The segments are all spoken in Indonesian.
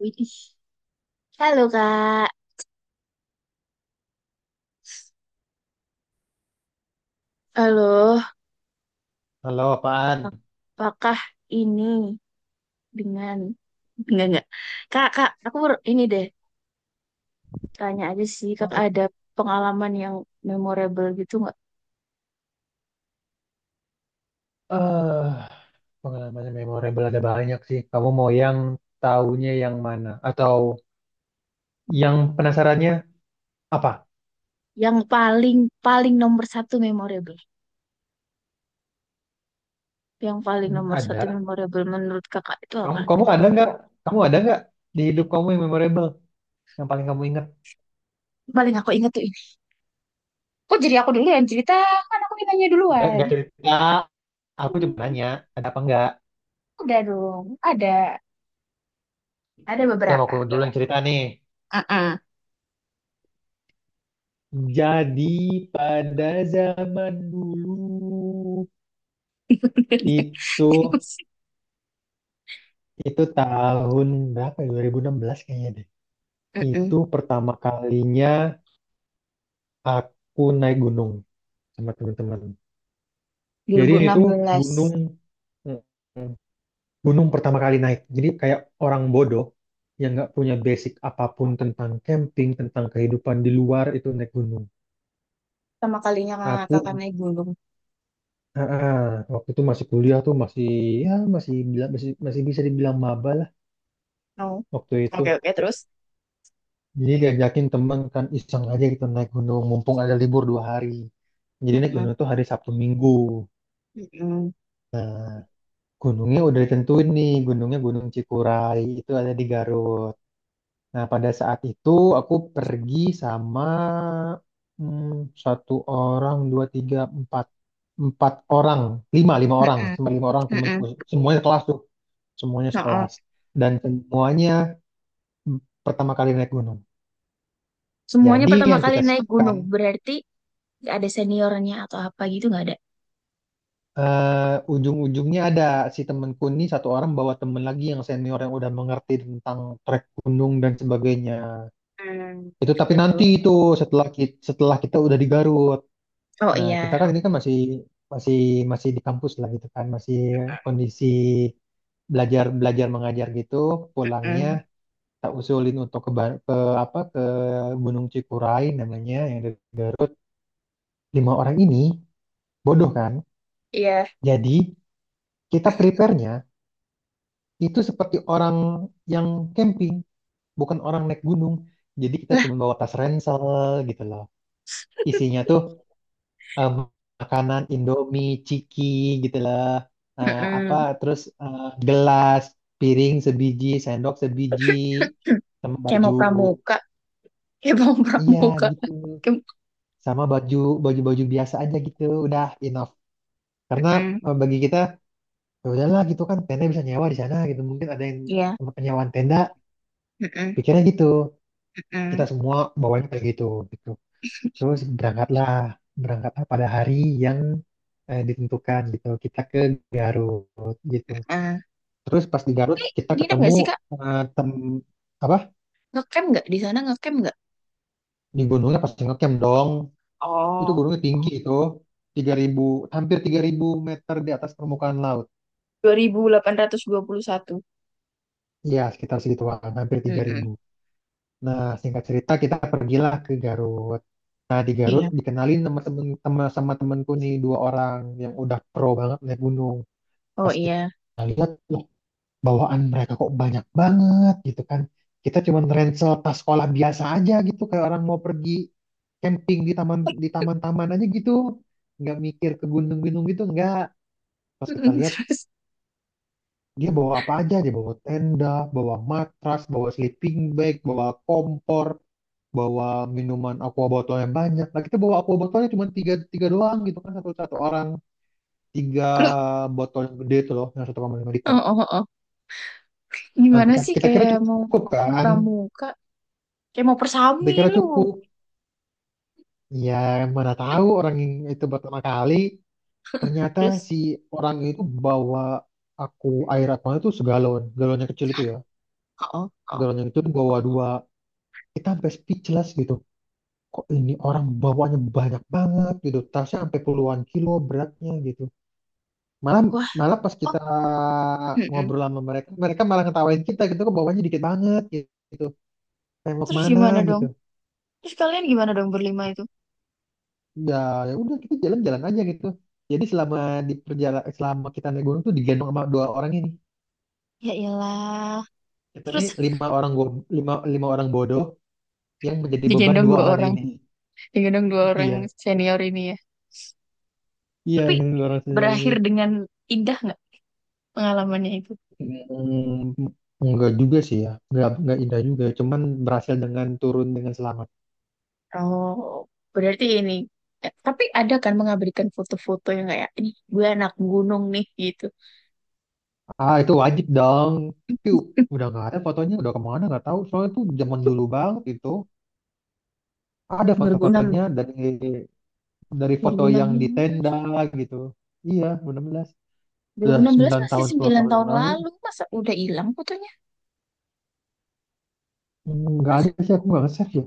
Widih. Halo Kak. Halo, Halo, apaan? apakah ini dengan enggak enggak. Kak, aku baru ini deh tanya aja sih Kak, Apa tuh? ada pengalaman yang memorable gitu nggak? Eh, pengalaman yang memorable ada banyak sih. Kamu mau yang tahunya yang mana? Atau yang penasarannya apa? Yang paling paling nomor satu memorable. Yang paling Hmm, nomor satu ada. memorable menurut Kakak itu Kamu, apa? kamu ada nggak? Kamu ada nggak di hidup kamu yang memorable? Yang paling kamu ingat? Paling aku ingat tuh ini. Kok jadi aku dulu yang cerita? Kan aku ditanya Nggak, duluan. nggak cerita. Aku cuma Hmm, nanya, ada apa nggak? udah dong. Ada. Ada Saya mau aku beberapa. dulu yang cerita nih. Jadi pada zaman dulu itu itu tahun berapa ya? 2016 kayaknya deh. Mm-mm. Itu pertama kalinya aku naik gunung sama teman-teman. Jadi ini tuh 2016. gunung, mm, gunung pertama kali naik. Jadi kayak orang bodoh yang nggak punya basic apapun tentang camping, tentang kehidupan di luar itu naik gunung. Pertama kalinya kakak Aku naik gunung. ah, ah, waktu itu masih kuliah tuh masih, ya masih masih masih bisa dibilang maba lah No. waktu itu. Oke, oke, terus? Jadi diajakin teman kan iseng aja gitu naik gunung mumpung ada libur 2 hari. Jadi naik Mm-mm, gunung tuh hari Sabtu Minggu. mm-mm, Nah, gunungnya udah ditentuin nih, gunungnya Gunung Cikuray itu ada di Garut. Nah, pada saat itu aku pergi sama hmm, satu orang, dua, tiga, empat, empat orang, lima, lima orang, mm-mm, sama lima orang temanku, mm-mm. semuanya kelas tuh, semuanya No. sekelas, dan semuanya mm, pertama kali naik gunung. Semuanya Jadi pertama yang kali kita naik siapkan, gunung. Berarti ada seniornya atau apa gitu, nggak ada? Ujung-ujungnya ada si temanku ini, satu orang bawa temen lagi yang senior yang udah mengerti tentang trek gunung dan sebagainya. Hmm, Itu tapi oke, nanti terus. itu setelah kita udah di Garut. Oh Nah, kita iya. kan ini kan masih masih masih di kampus lah gitu kan, masih kondisi belajar belajar mengajar gitu. Pulangnya Mm, tak usulin untuk ke, ke apa, ke Gunung Cikuray namanya yang dari Garut. Lima orang ini bodoh kan? iya. Jadi kita prepare-nya itu seperti orang yang camping, bukan orang naik gunung. Jadi kita Lah, cuma bawa tas ransel gitu loh. Isinya tuh em, makanan Indomie, ciki gitu lah. Apa mm-mm. terus, gelas, piring sebiji, sendok sebiji, sama Kayak baju. mau pramuka. Kayak mau Iya pramuka. gitu. Kayak... Sama baju-baju biasa aja gitu. Udah enough. Karena Mm-mm, bagi kita ya udahlah gitu kan, tenda bisa nyewa di sana gitu. Mungkin ada yang iya. tempat penyewaan tenda, Mm-mm, pikirnya gitu. Kita mm-mm, semua bawanya kayak gitu gitu. Terus berangkatlah, berangkatlah pada hari yang, ditentukan gitu. Kita ke Garut gitu. mm-mm. Terus pas di Garut kita Nginep ketemu, nggak sih, Kak? eh, tem apa Ngecamp nggak? Di sana ngecamp nggak? di gunungnya pas ngecamp dong. Itu Oh, gunungnya tinggi itu, 3.000, hampir 3.000 meter di atas permukaan laut. 2821. Iya, sekitar segituan, hampir tiga Mm-mm. ribu. Nah, singkat cerita kita pergilah ke Garut. Nah, di Garut Iya. dikenalin sama temen, sama temenku nih, dua orang yang udah pro banget naik gunung. Oh Pas iya. kita lihat, loh, bawaan mereka kok banyak banget gitu kan. Kita cuman ransel tas sekolah biasa aja gitu, kayak orang mau pergi camping di taman-taman aja gitu. Nggak mikir ke gunung-gunung gitu nggak. Pas kita Mm-mm, lihat terus dia bawa apa aja, dia bawa tenda, bawa matras, bawa sleeping bag, bawa kompor, bawa minuman aqua botol yang banyak. Nah kita bawa aqua botolnya cuma tiga, tiga doang gitu kan, satu satu orang tiga loh, botol yang gede itu loh, yang 1,5 liter. oh, oh, oh. Oh. Nah, Gimana kita, sih, kita kira kayak mau cukup kan? pramuka, kayak mau Kita persami kira lu. cukup. Ya, mana tahu orang yang itu pertama kali, ternyata Terus, si orang itu bawa aku air aqua itu segalon, galon kecil itu ya, oh, oh, oh. galon yang kecil itu bawa dua. Kita sampai speechless gitu. Kok ini orang bawanya banyak banget gitu, tasnya sampai puluhan kilo beratnya gitu. Malah Wah, malah pas oh, kita mm-mm. ngobrol sama mereka, mereka malah ngetawain kita gitu, kok bawanya dikit banget gitu. Kayak mau Terus kemana gimana dong? gitu. Terus kalian gimana dong, berlima itu? Ya, ya udah kita jalan-jalan aja gitu. Jadi selama di perjalanan, selama kita naik gunung tuh digendong sama dua orang ini, Ya iyalah. kita Terus nih lima orang lima lima orang bodoh yang menjadi beban digendong dua dua orang orang, ini. digendong dua orang Iya, senior ini ya. iya Tapi yang dua orang senior ini. berakhir dengan indah nggak pengalamannya itu? Hmm, enggak juga sih, ya enggak indah juga, cuman berhasil dengan turun dengan selamat. Oh, berarti ini. Tapi ada kan mengabadikan foto-foto yang kayak ini gue anak gunung nih gitu. Ah itu wajib dong. Itu udah nggak ada fotonya, udah kemana nggak tahu soalnya itu zaman dulu banget itu. Ada foto-fotonya dari, foto 2006, yang di 2016. tenda gitu. Iya, 16. Dua ribu Udah enam belas 9 masih tahun, 10 9 tahun yang tahun lalu. lalu, masa udah hilang fotonya? Hmm, nggak ada maksud sih, aku nggak nge-save ya.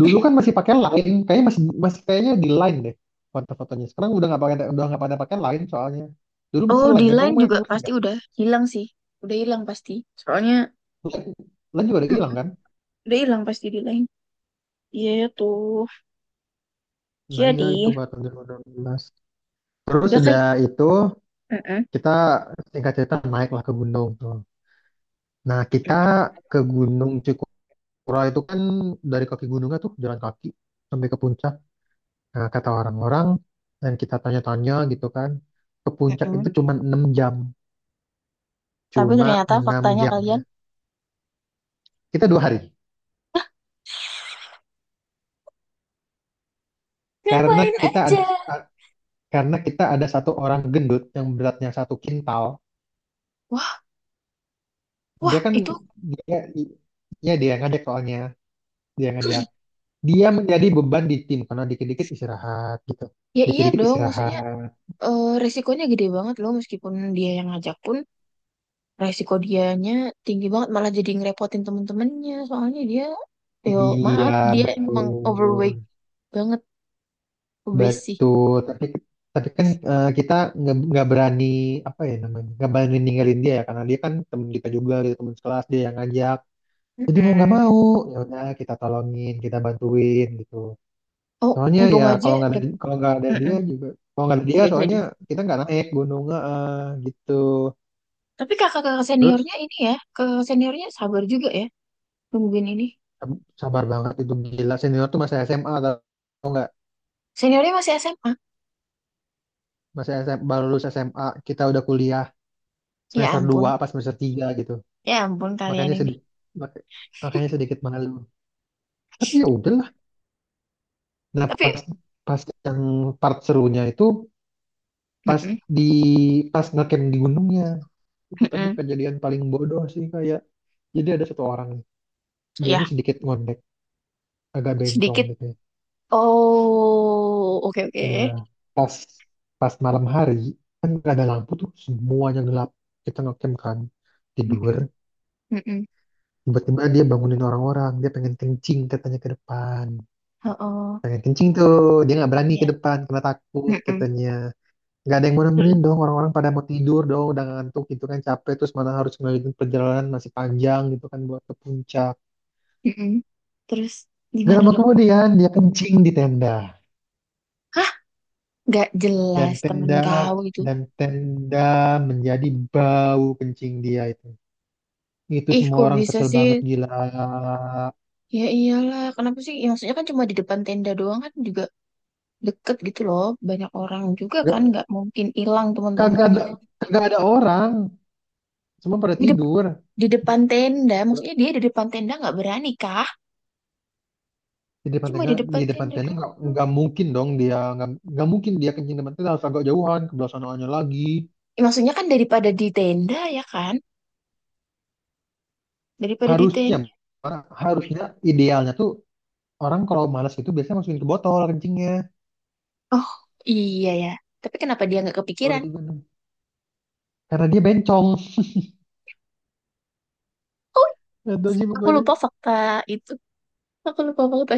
Dulu kan masih pakai Line, kayaknya masih masih kayaknya di Line deh foto-fotonya. Sekarang udah nggak pakai, udah nggak pada pakai Line soalnya. Dulu masih Oh, Line di kan, kamu line main juga Line pasti nggak? udah hilang sih. Udah hilang pasti. Soalnya Line, Line juga udah hilang mm-mm, kan? udah hilang pasti di line. Iya tuh. Nah iya itu Jadi, baru tahun 2016. Terus udah kayak udah itu mm-mm, kita singkat cerita naik lah ke gunung tuh. Nah kita mm-mm, ke Gunung Cikura itu kan dari kaki gunungnya tuh jalan kaki sampai ke puncak. Nah, kata orang-orang dan kita tanya-tanya gitu kan, ke puncak mm-mm. itu cuma 6 jam. Tapi Cuma ternyata 6 faktanya jam kalian ya. Kita 2 hari. Karena ngapain kita ada aja. a- karena kita ada satu orang gendut yang beratnya 1 kintal. Wah, wah, Dia kan itu dia ya dia yang ngajak soalnya, dia yang ngajak. Dia menjadi beban di tim karena dikit-dikit istirahat gitu. ya iya Dikit-dikit dong, maksudnya istirahat. Resikonya gede banget loh, meskipun dia yang ngajak pun resiko dianya tinggi banget, malah jadi ngerepotin temen-temennya soalnya dia, yo Iya, maaf, dia emang overweight betul. banget, obes sih. Betul, tapi kita nggak berani, apa ya namanya, nggak berani ninggalin dia ya karena dia kan teman kita juga, dia teman sekelas, dia yang ngajak. Jadi mau nggak Mm-mm. mau, ya udah kita tolongin, kita bantuin gitu. Oh, Soalnya untung ya aja kalau nggak ada kalau nggak ada dia mm-mm, juga, kalau nggak ada dia nggak jadi. soalnya kita nggak naik gunung, gitu. Tapi kakak-kakak Terus seniornya ini ya, kakak seniornya sabar juga ya, nungguin ini, sabar banget itu, gila, senior tuh masih SMA atau nggak? seniornya masih SMA. Masih SMA, baru lulus SMA, kita udah kuliah Ya semester 2 ampun, apa semester 3 gitu. ya ampun kalian makanya ini, sedikit makanya sedikit malu, tapi ya udahlah. Nah tapi pas, pas yang part serunya itu, pas mm-mm, di pas ngecamp di gunungnya, itu tapi mm-mm. kejadian paling bodoh sih, kayak jadi ada satu orang nih, dia Ya, ini sedikit ngondek, agak bencong sedikit. gitu ya. Oh, oke, oke. Eh, pas pas malam hari kan nggak ada lampu tuh, semuanya gelap, kita ngecamp kan, tidur, Mm-mm, mm-mm. tiba-tiba dia bangunin orang-orang, dia pengen kencing katanya, ke depan Oh, oh, pengen kencing tuh, dia nggak berani ke ya. depan karena takut Mm-mm. katanya. Nggak ada yang mau nemenin dong, orang-orang pada mau tidur dong, udah ngantuk gitu kan, capek, terus mana harus melanjutkan perjalanan masih panjang gitu kan buat ke puncak. Mm-mm. Terus Gak gimana lama dong? kemudian dia kencing di tenda, Hah? Gak dan jelas temen kau itu. Tenda menjadi bau, kencing dia itu Ih, semua kok orang bisa kesel sih? banget gila. Ya iyalah, kenapa sih? Ya, maksudnya kan cuma di depan tenda doang kan, juga deket gitu loh. Banyak orang juga kan, Gak, nggak mungkin hilang kagak teman-temannya. ada kagak ada orang, semua pada Di, dep- tidur. di depan tenda, maksudnya dia di depan tenda nggak berani kah? di depan Cuma tenda di depan di depan tenda tenda nggak doang. nggak mungkin dong dia nggak mungkin dia kencing depan tenda, harus agak jauhan ke belah sononya lagi. Ya, maksudnya kan daripada di tenda ya kan? Daripada di harusnya tenda. harusnya idealnya tuh, orang kalau malas itu biasanya masukin ke botol kencingnya. Oh iya ya. Tapi kenapa dia nggak Kalau kepikiran? di gunung. Karena dia bencong. Oh, Itu sih aku pokoknya, lupa fakta itu. Aku lupa fakta.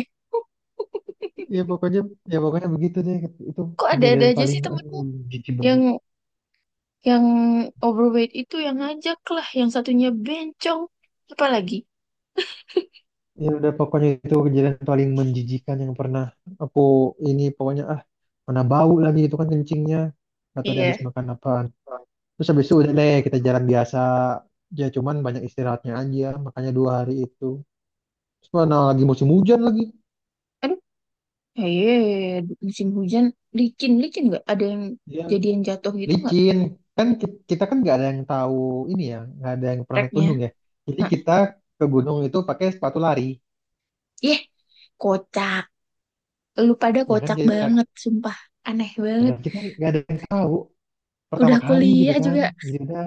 ya pokoknya, begitu deh. Itu Kok ada-ada kejadian aja paling sih aduh, temenmu, jijik yang banget. yang overweight itu yang ngajak lah, yang satunya bencong. Apalagi? Ya udah pokoknya itu kejadian paling menjijikan yang pernah aku ini, pokoknya ah, mana bau lagi itu kan kencingnya, atau dia Iya. habis makan apa. Terus habis itu udah deh kita jalan biasa. Ya cuman banyak istirahatnya aja, makanya 2 hari itu. Terus mana lagi musim hujan lagi, Aduh, iya, musim hujan, licin-licin nggak? Ada yang dia jadian jatuh gitu nggak, licin. Kan kita kan nggak ada yang tahu ini ya, nggak ada yang pernah naik treknya? gunung ya. Jadi Hah. kita ke gunung itu pakai sepatu lari, Yeh, kocak. Lu pada ya kan kocak kita nggak, banget, sumpah. Aneh ya banget. kan, kita nggak ada yang tahu, Udah pertama kali gitu kuliah kan. juga Jadi udah,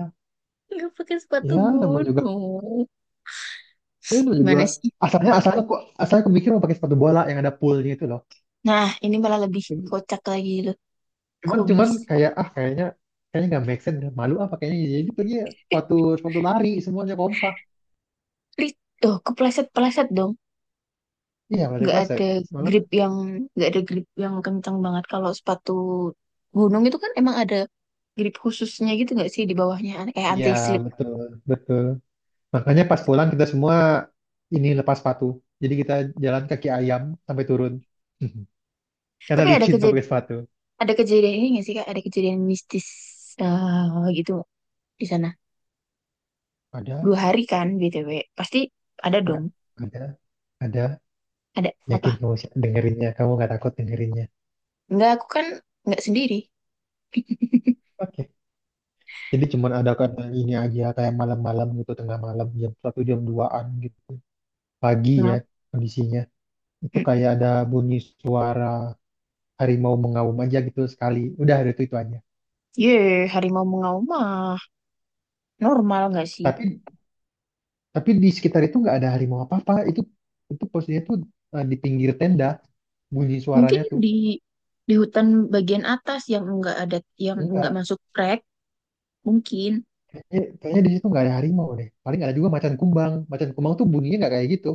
nggak pakai sepatu ya namanya juga, gunung. ya namanya juga Gimana sih? asalnya asalnya kok asalnya aku mikir mau pakai sepatu bola yang ada poolnya itu Nah, ini malah lebih loh. kocak lagi loh. Cuman Kok cuman kayak, kayaknya kayaknya nggak make sense, malu apa, kayaknya. Jadi pergi ya, sepatu sepatu lari semuanya kompak. Li- Oh, kepleset-pleset dong. Iya plastik, Nggak plastik ada malam. grip yang nggak ada grip yang kencang banget. Kalau sepatu gunung itu kan emang ada grip khususnya gitu nggak sih di bawahnya, kayak Iya anti slip. betul betul, makanya pas pulang kita semua ini lepas sepatu. Jadi kita jalan kaki ayam sampai turun karena Tapi ada licin kalau kejadian pakai sepatu. ada kejadian ini nggak sih Kak? Ada kejadian mistis gitu nggak di sana. Ada, 2 hari kan BTW. Pasti ada dong. Kak. Ada, ada. Ada apa? Yakin kamu sih dengerinnya? Kamu nggak takut dengerinnya? Nggak, aku kan nggak sendiri. Oke, jadi cuman ada karena ini aja, kayak malam-malam gitu tengah malam jam 1, jam duaan gitu, pagi ya. Nah, Kondisinya itu hmm. kayak ada bunyi suara harimau mengaum aja gitu, sekali udah ada itu aja. Ye, harimau mengaumah. Normal nggak sih? Tapi di sekitar itu nggak ada harimau apa apa itu. Itu posisinya tuh di pinggir tenda bunyi Mungkin suaranya tuh. di hutan bagian atas, yang enggak ada yang enggak Enggak, masuk trek, mungkin kayaknya di situ nggak ada harimau deh, paling ada juga macan kumbang, macan kumbang tuh bunyinya nggak kayak gitu.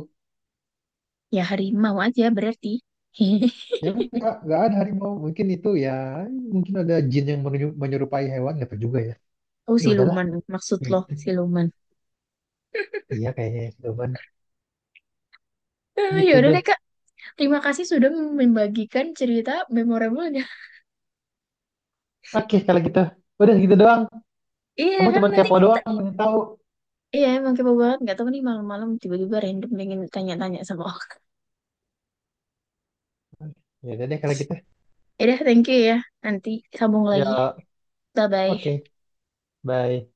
ya harimau aja berarti. Ya, nggak ada harimau mungkin itu ya, mungkin ada jin yang menyerupai hewan, nggak tahu juga ya. Oh Ya udahlah siluman, maksud lo gitu. siluman. Iya kayaknya ya, Doban. Eh, ya Gitu udah deh. deh Kak, terima kasih sudah membagikan cerita memorable-nya. Oke kalau gitu, udah gitu doang, Iya kamu kan cuma nanti kepo kita, doang pengen tahu. iya emang kepo banget. Nggak tahu nih, malam-malam tiba-tiba random pengen tanya-tanya sama orang. Ya udah deh kalau gitu. Ya udah, thank you ya. Nanti sambung lagi. Ya, Bye-bye. oke. Bye.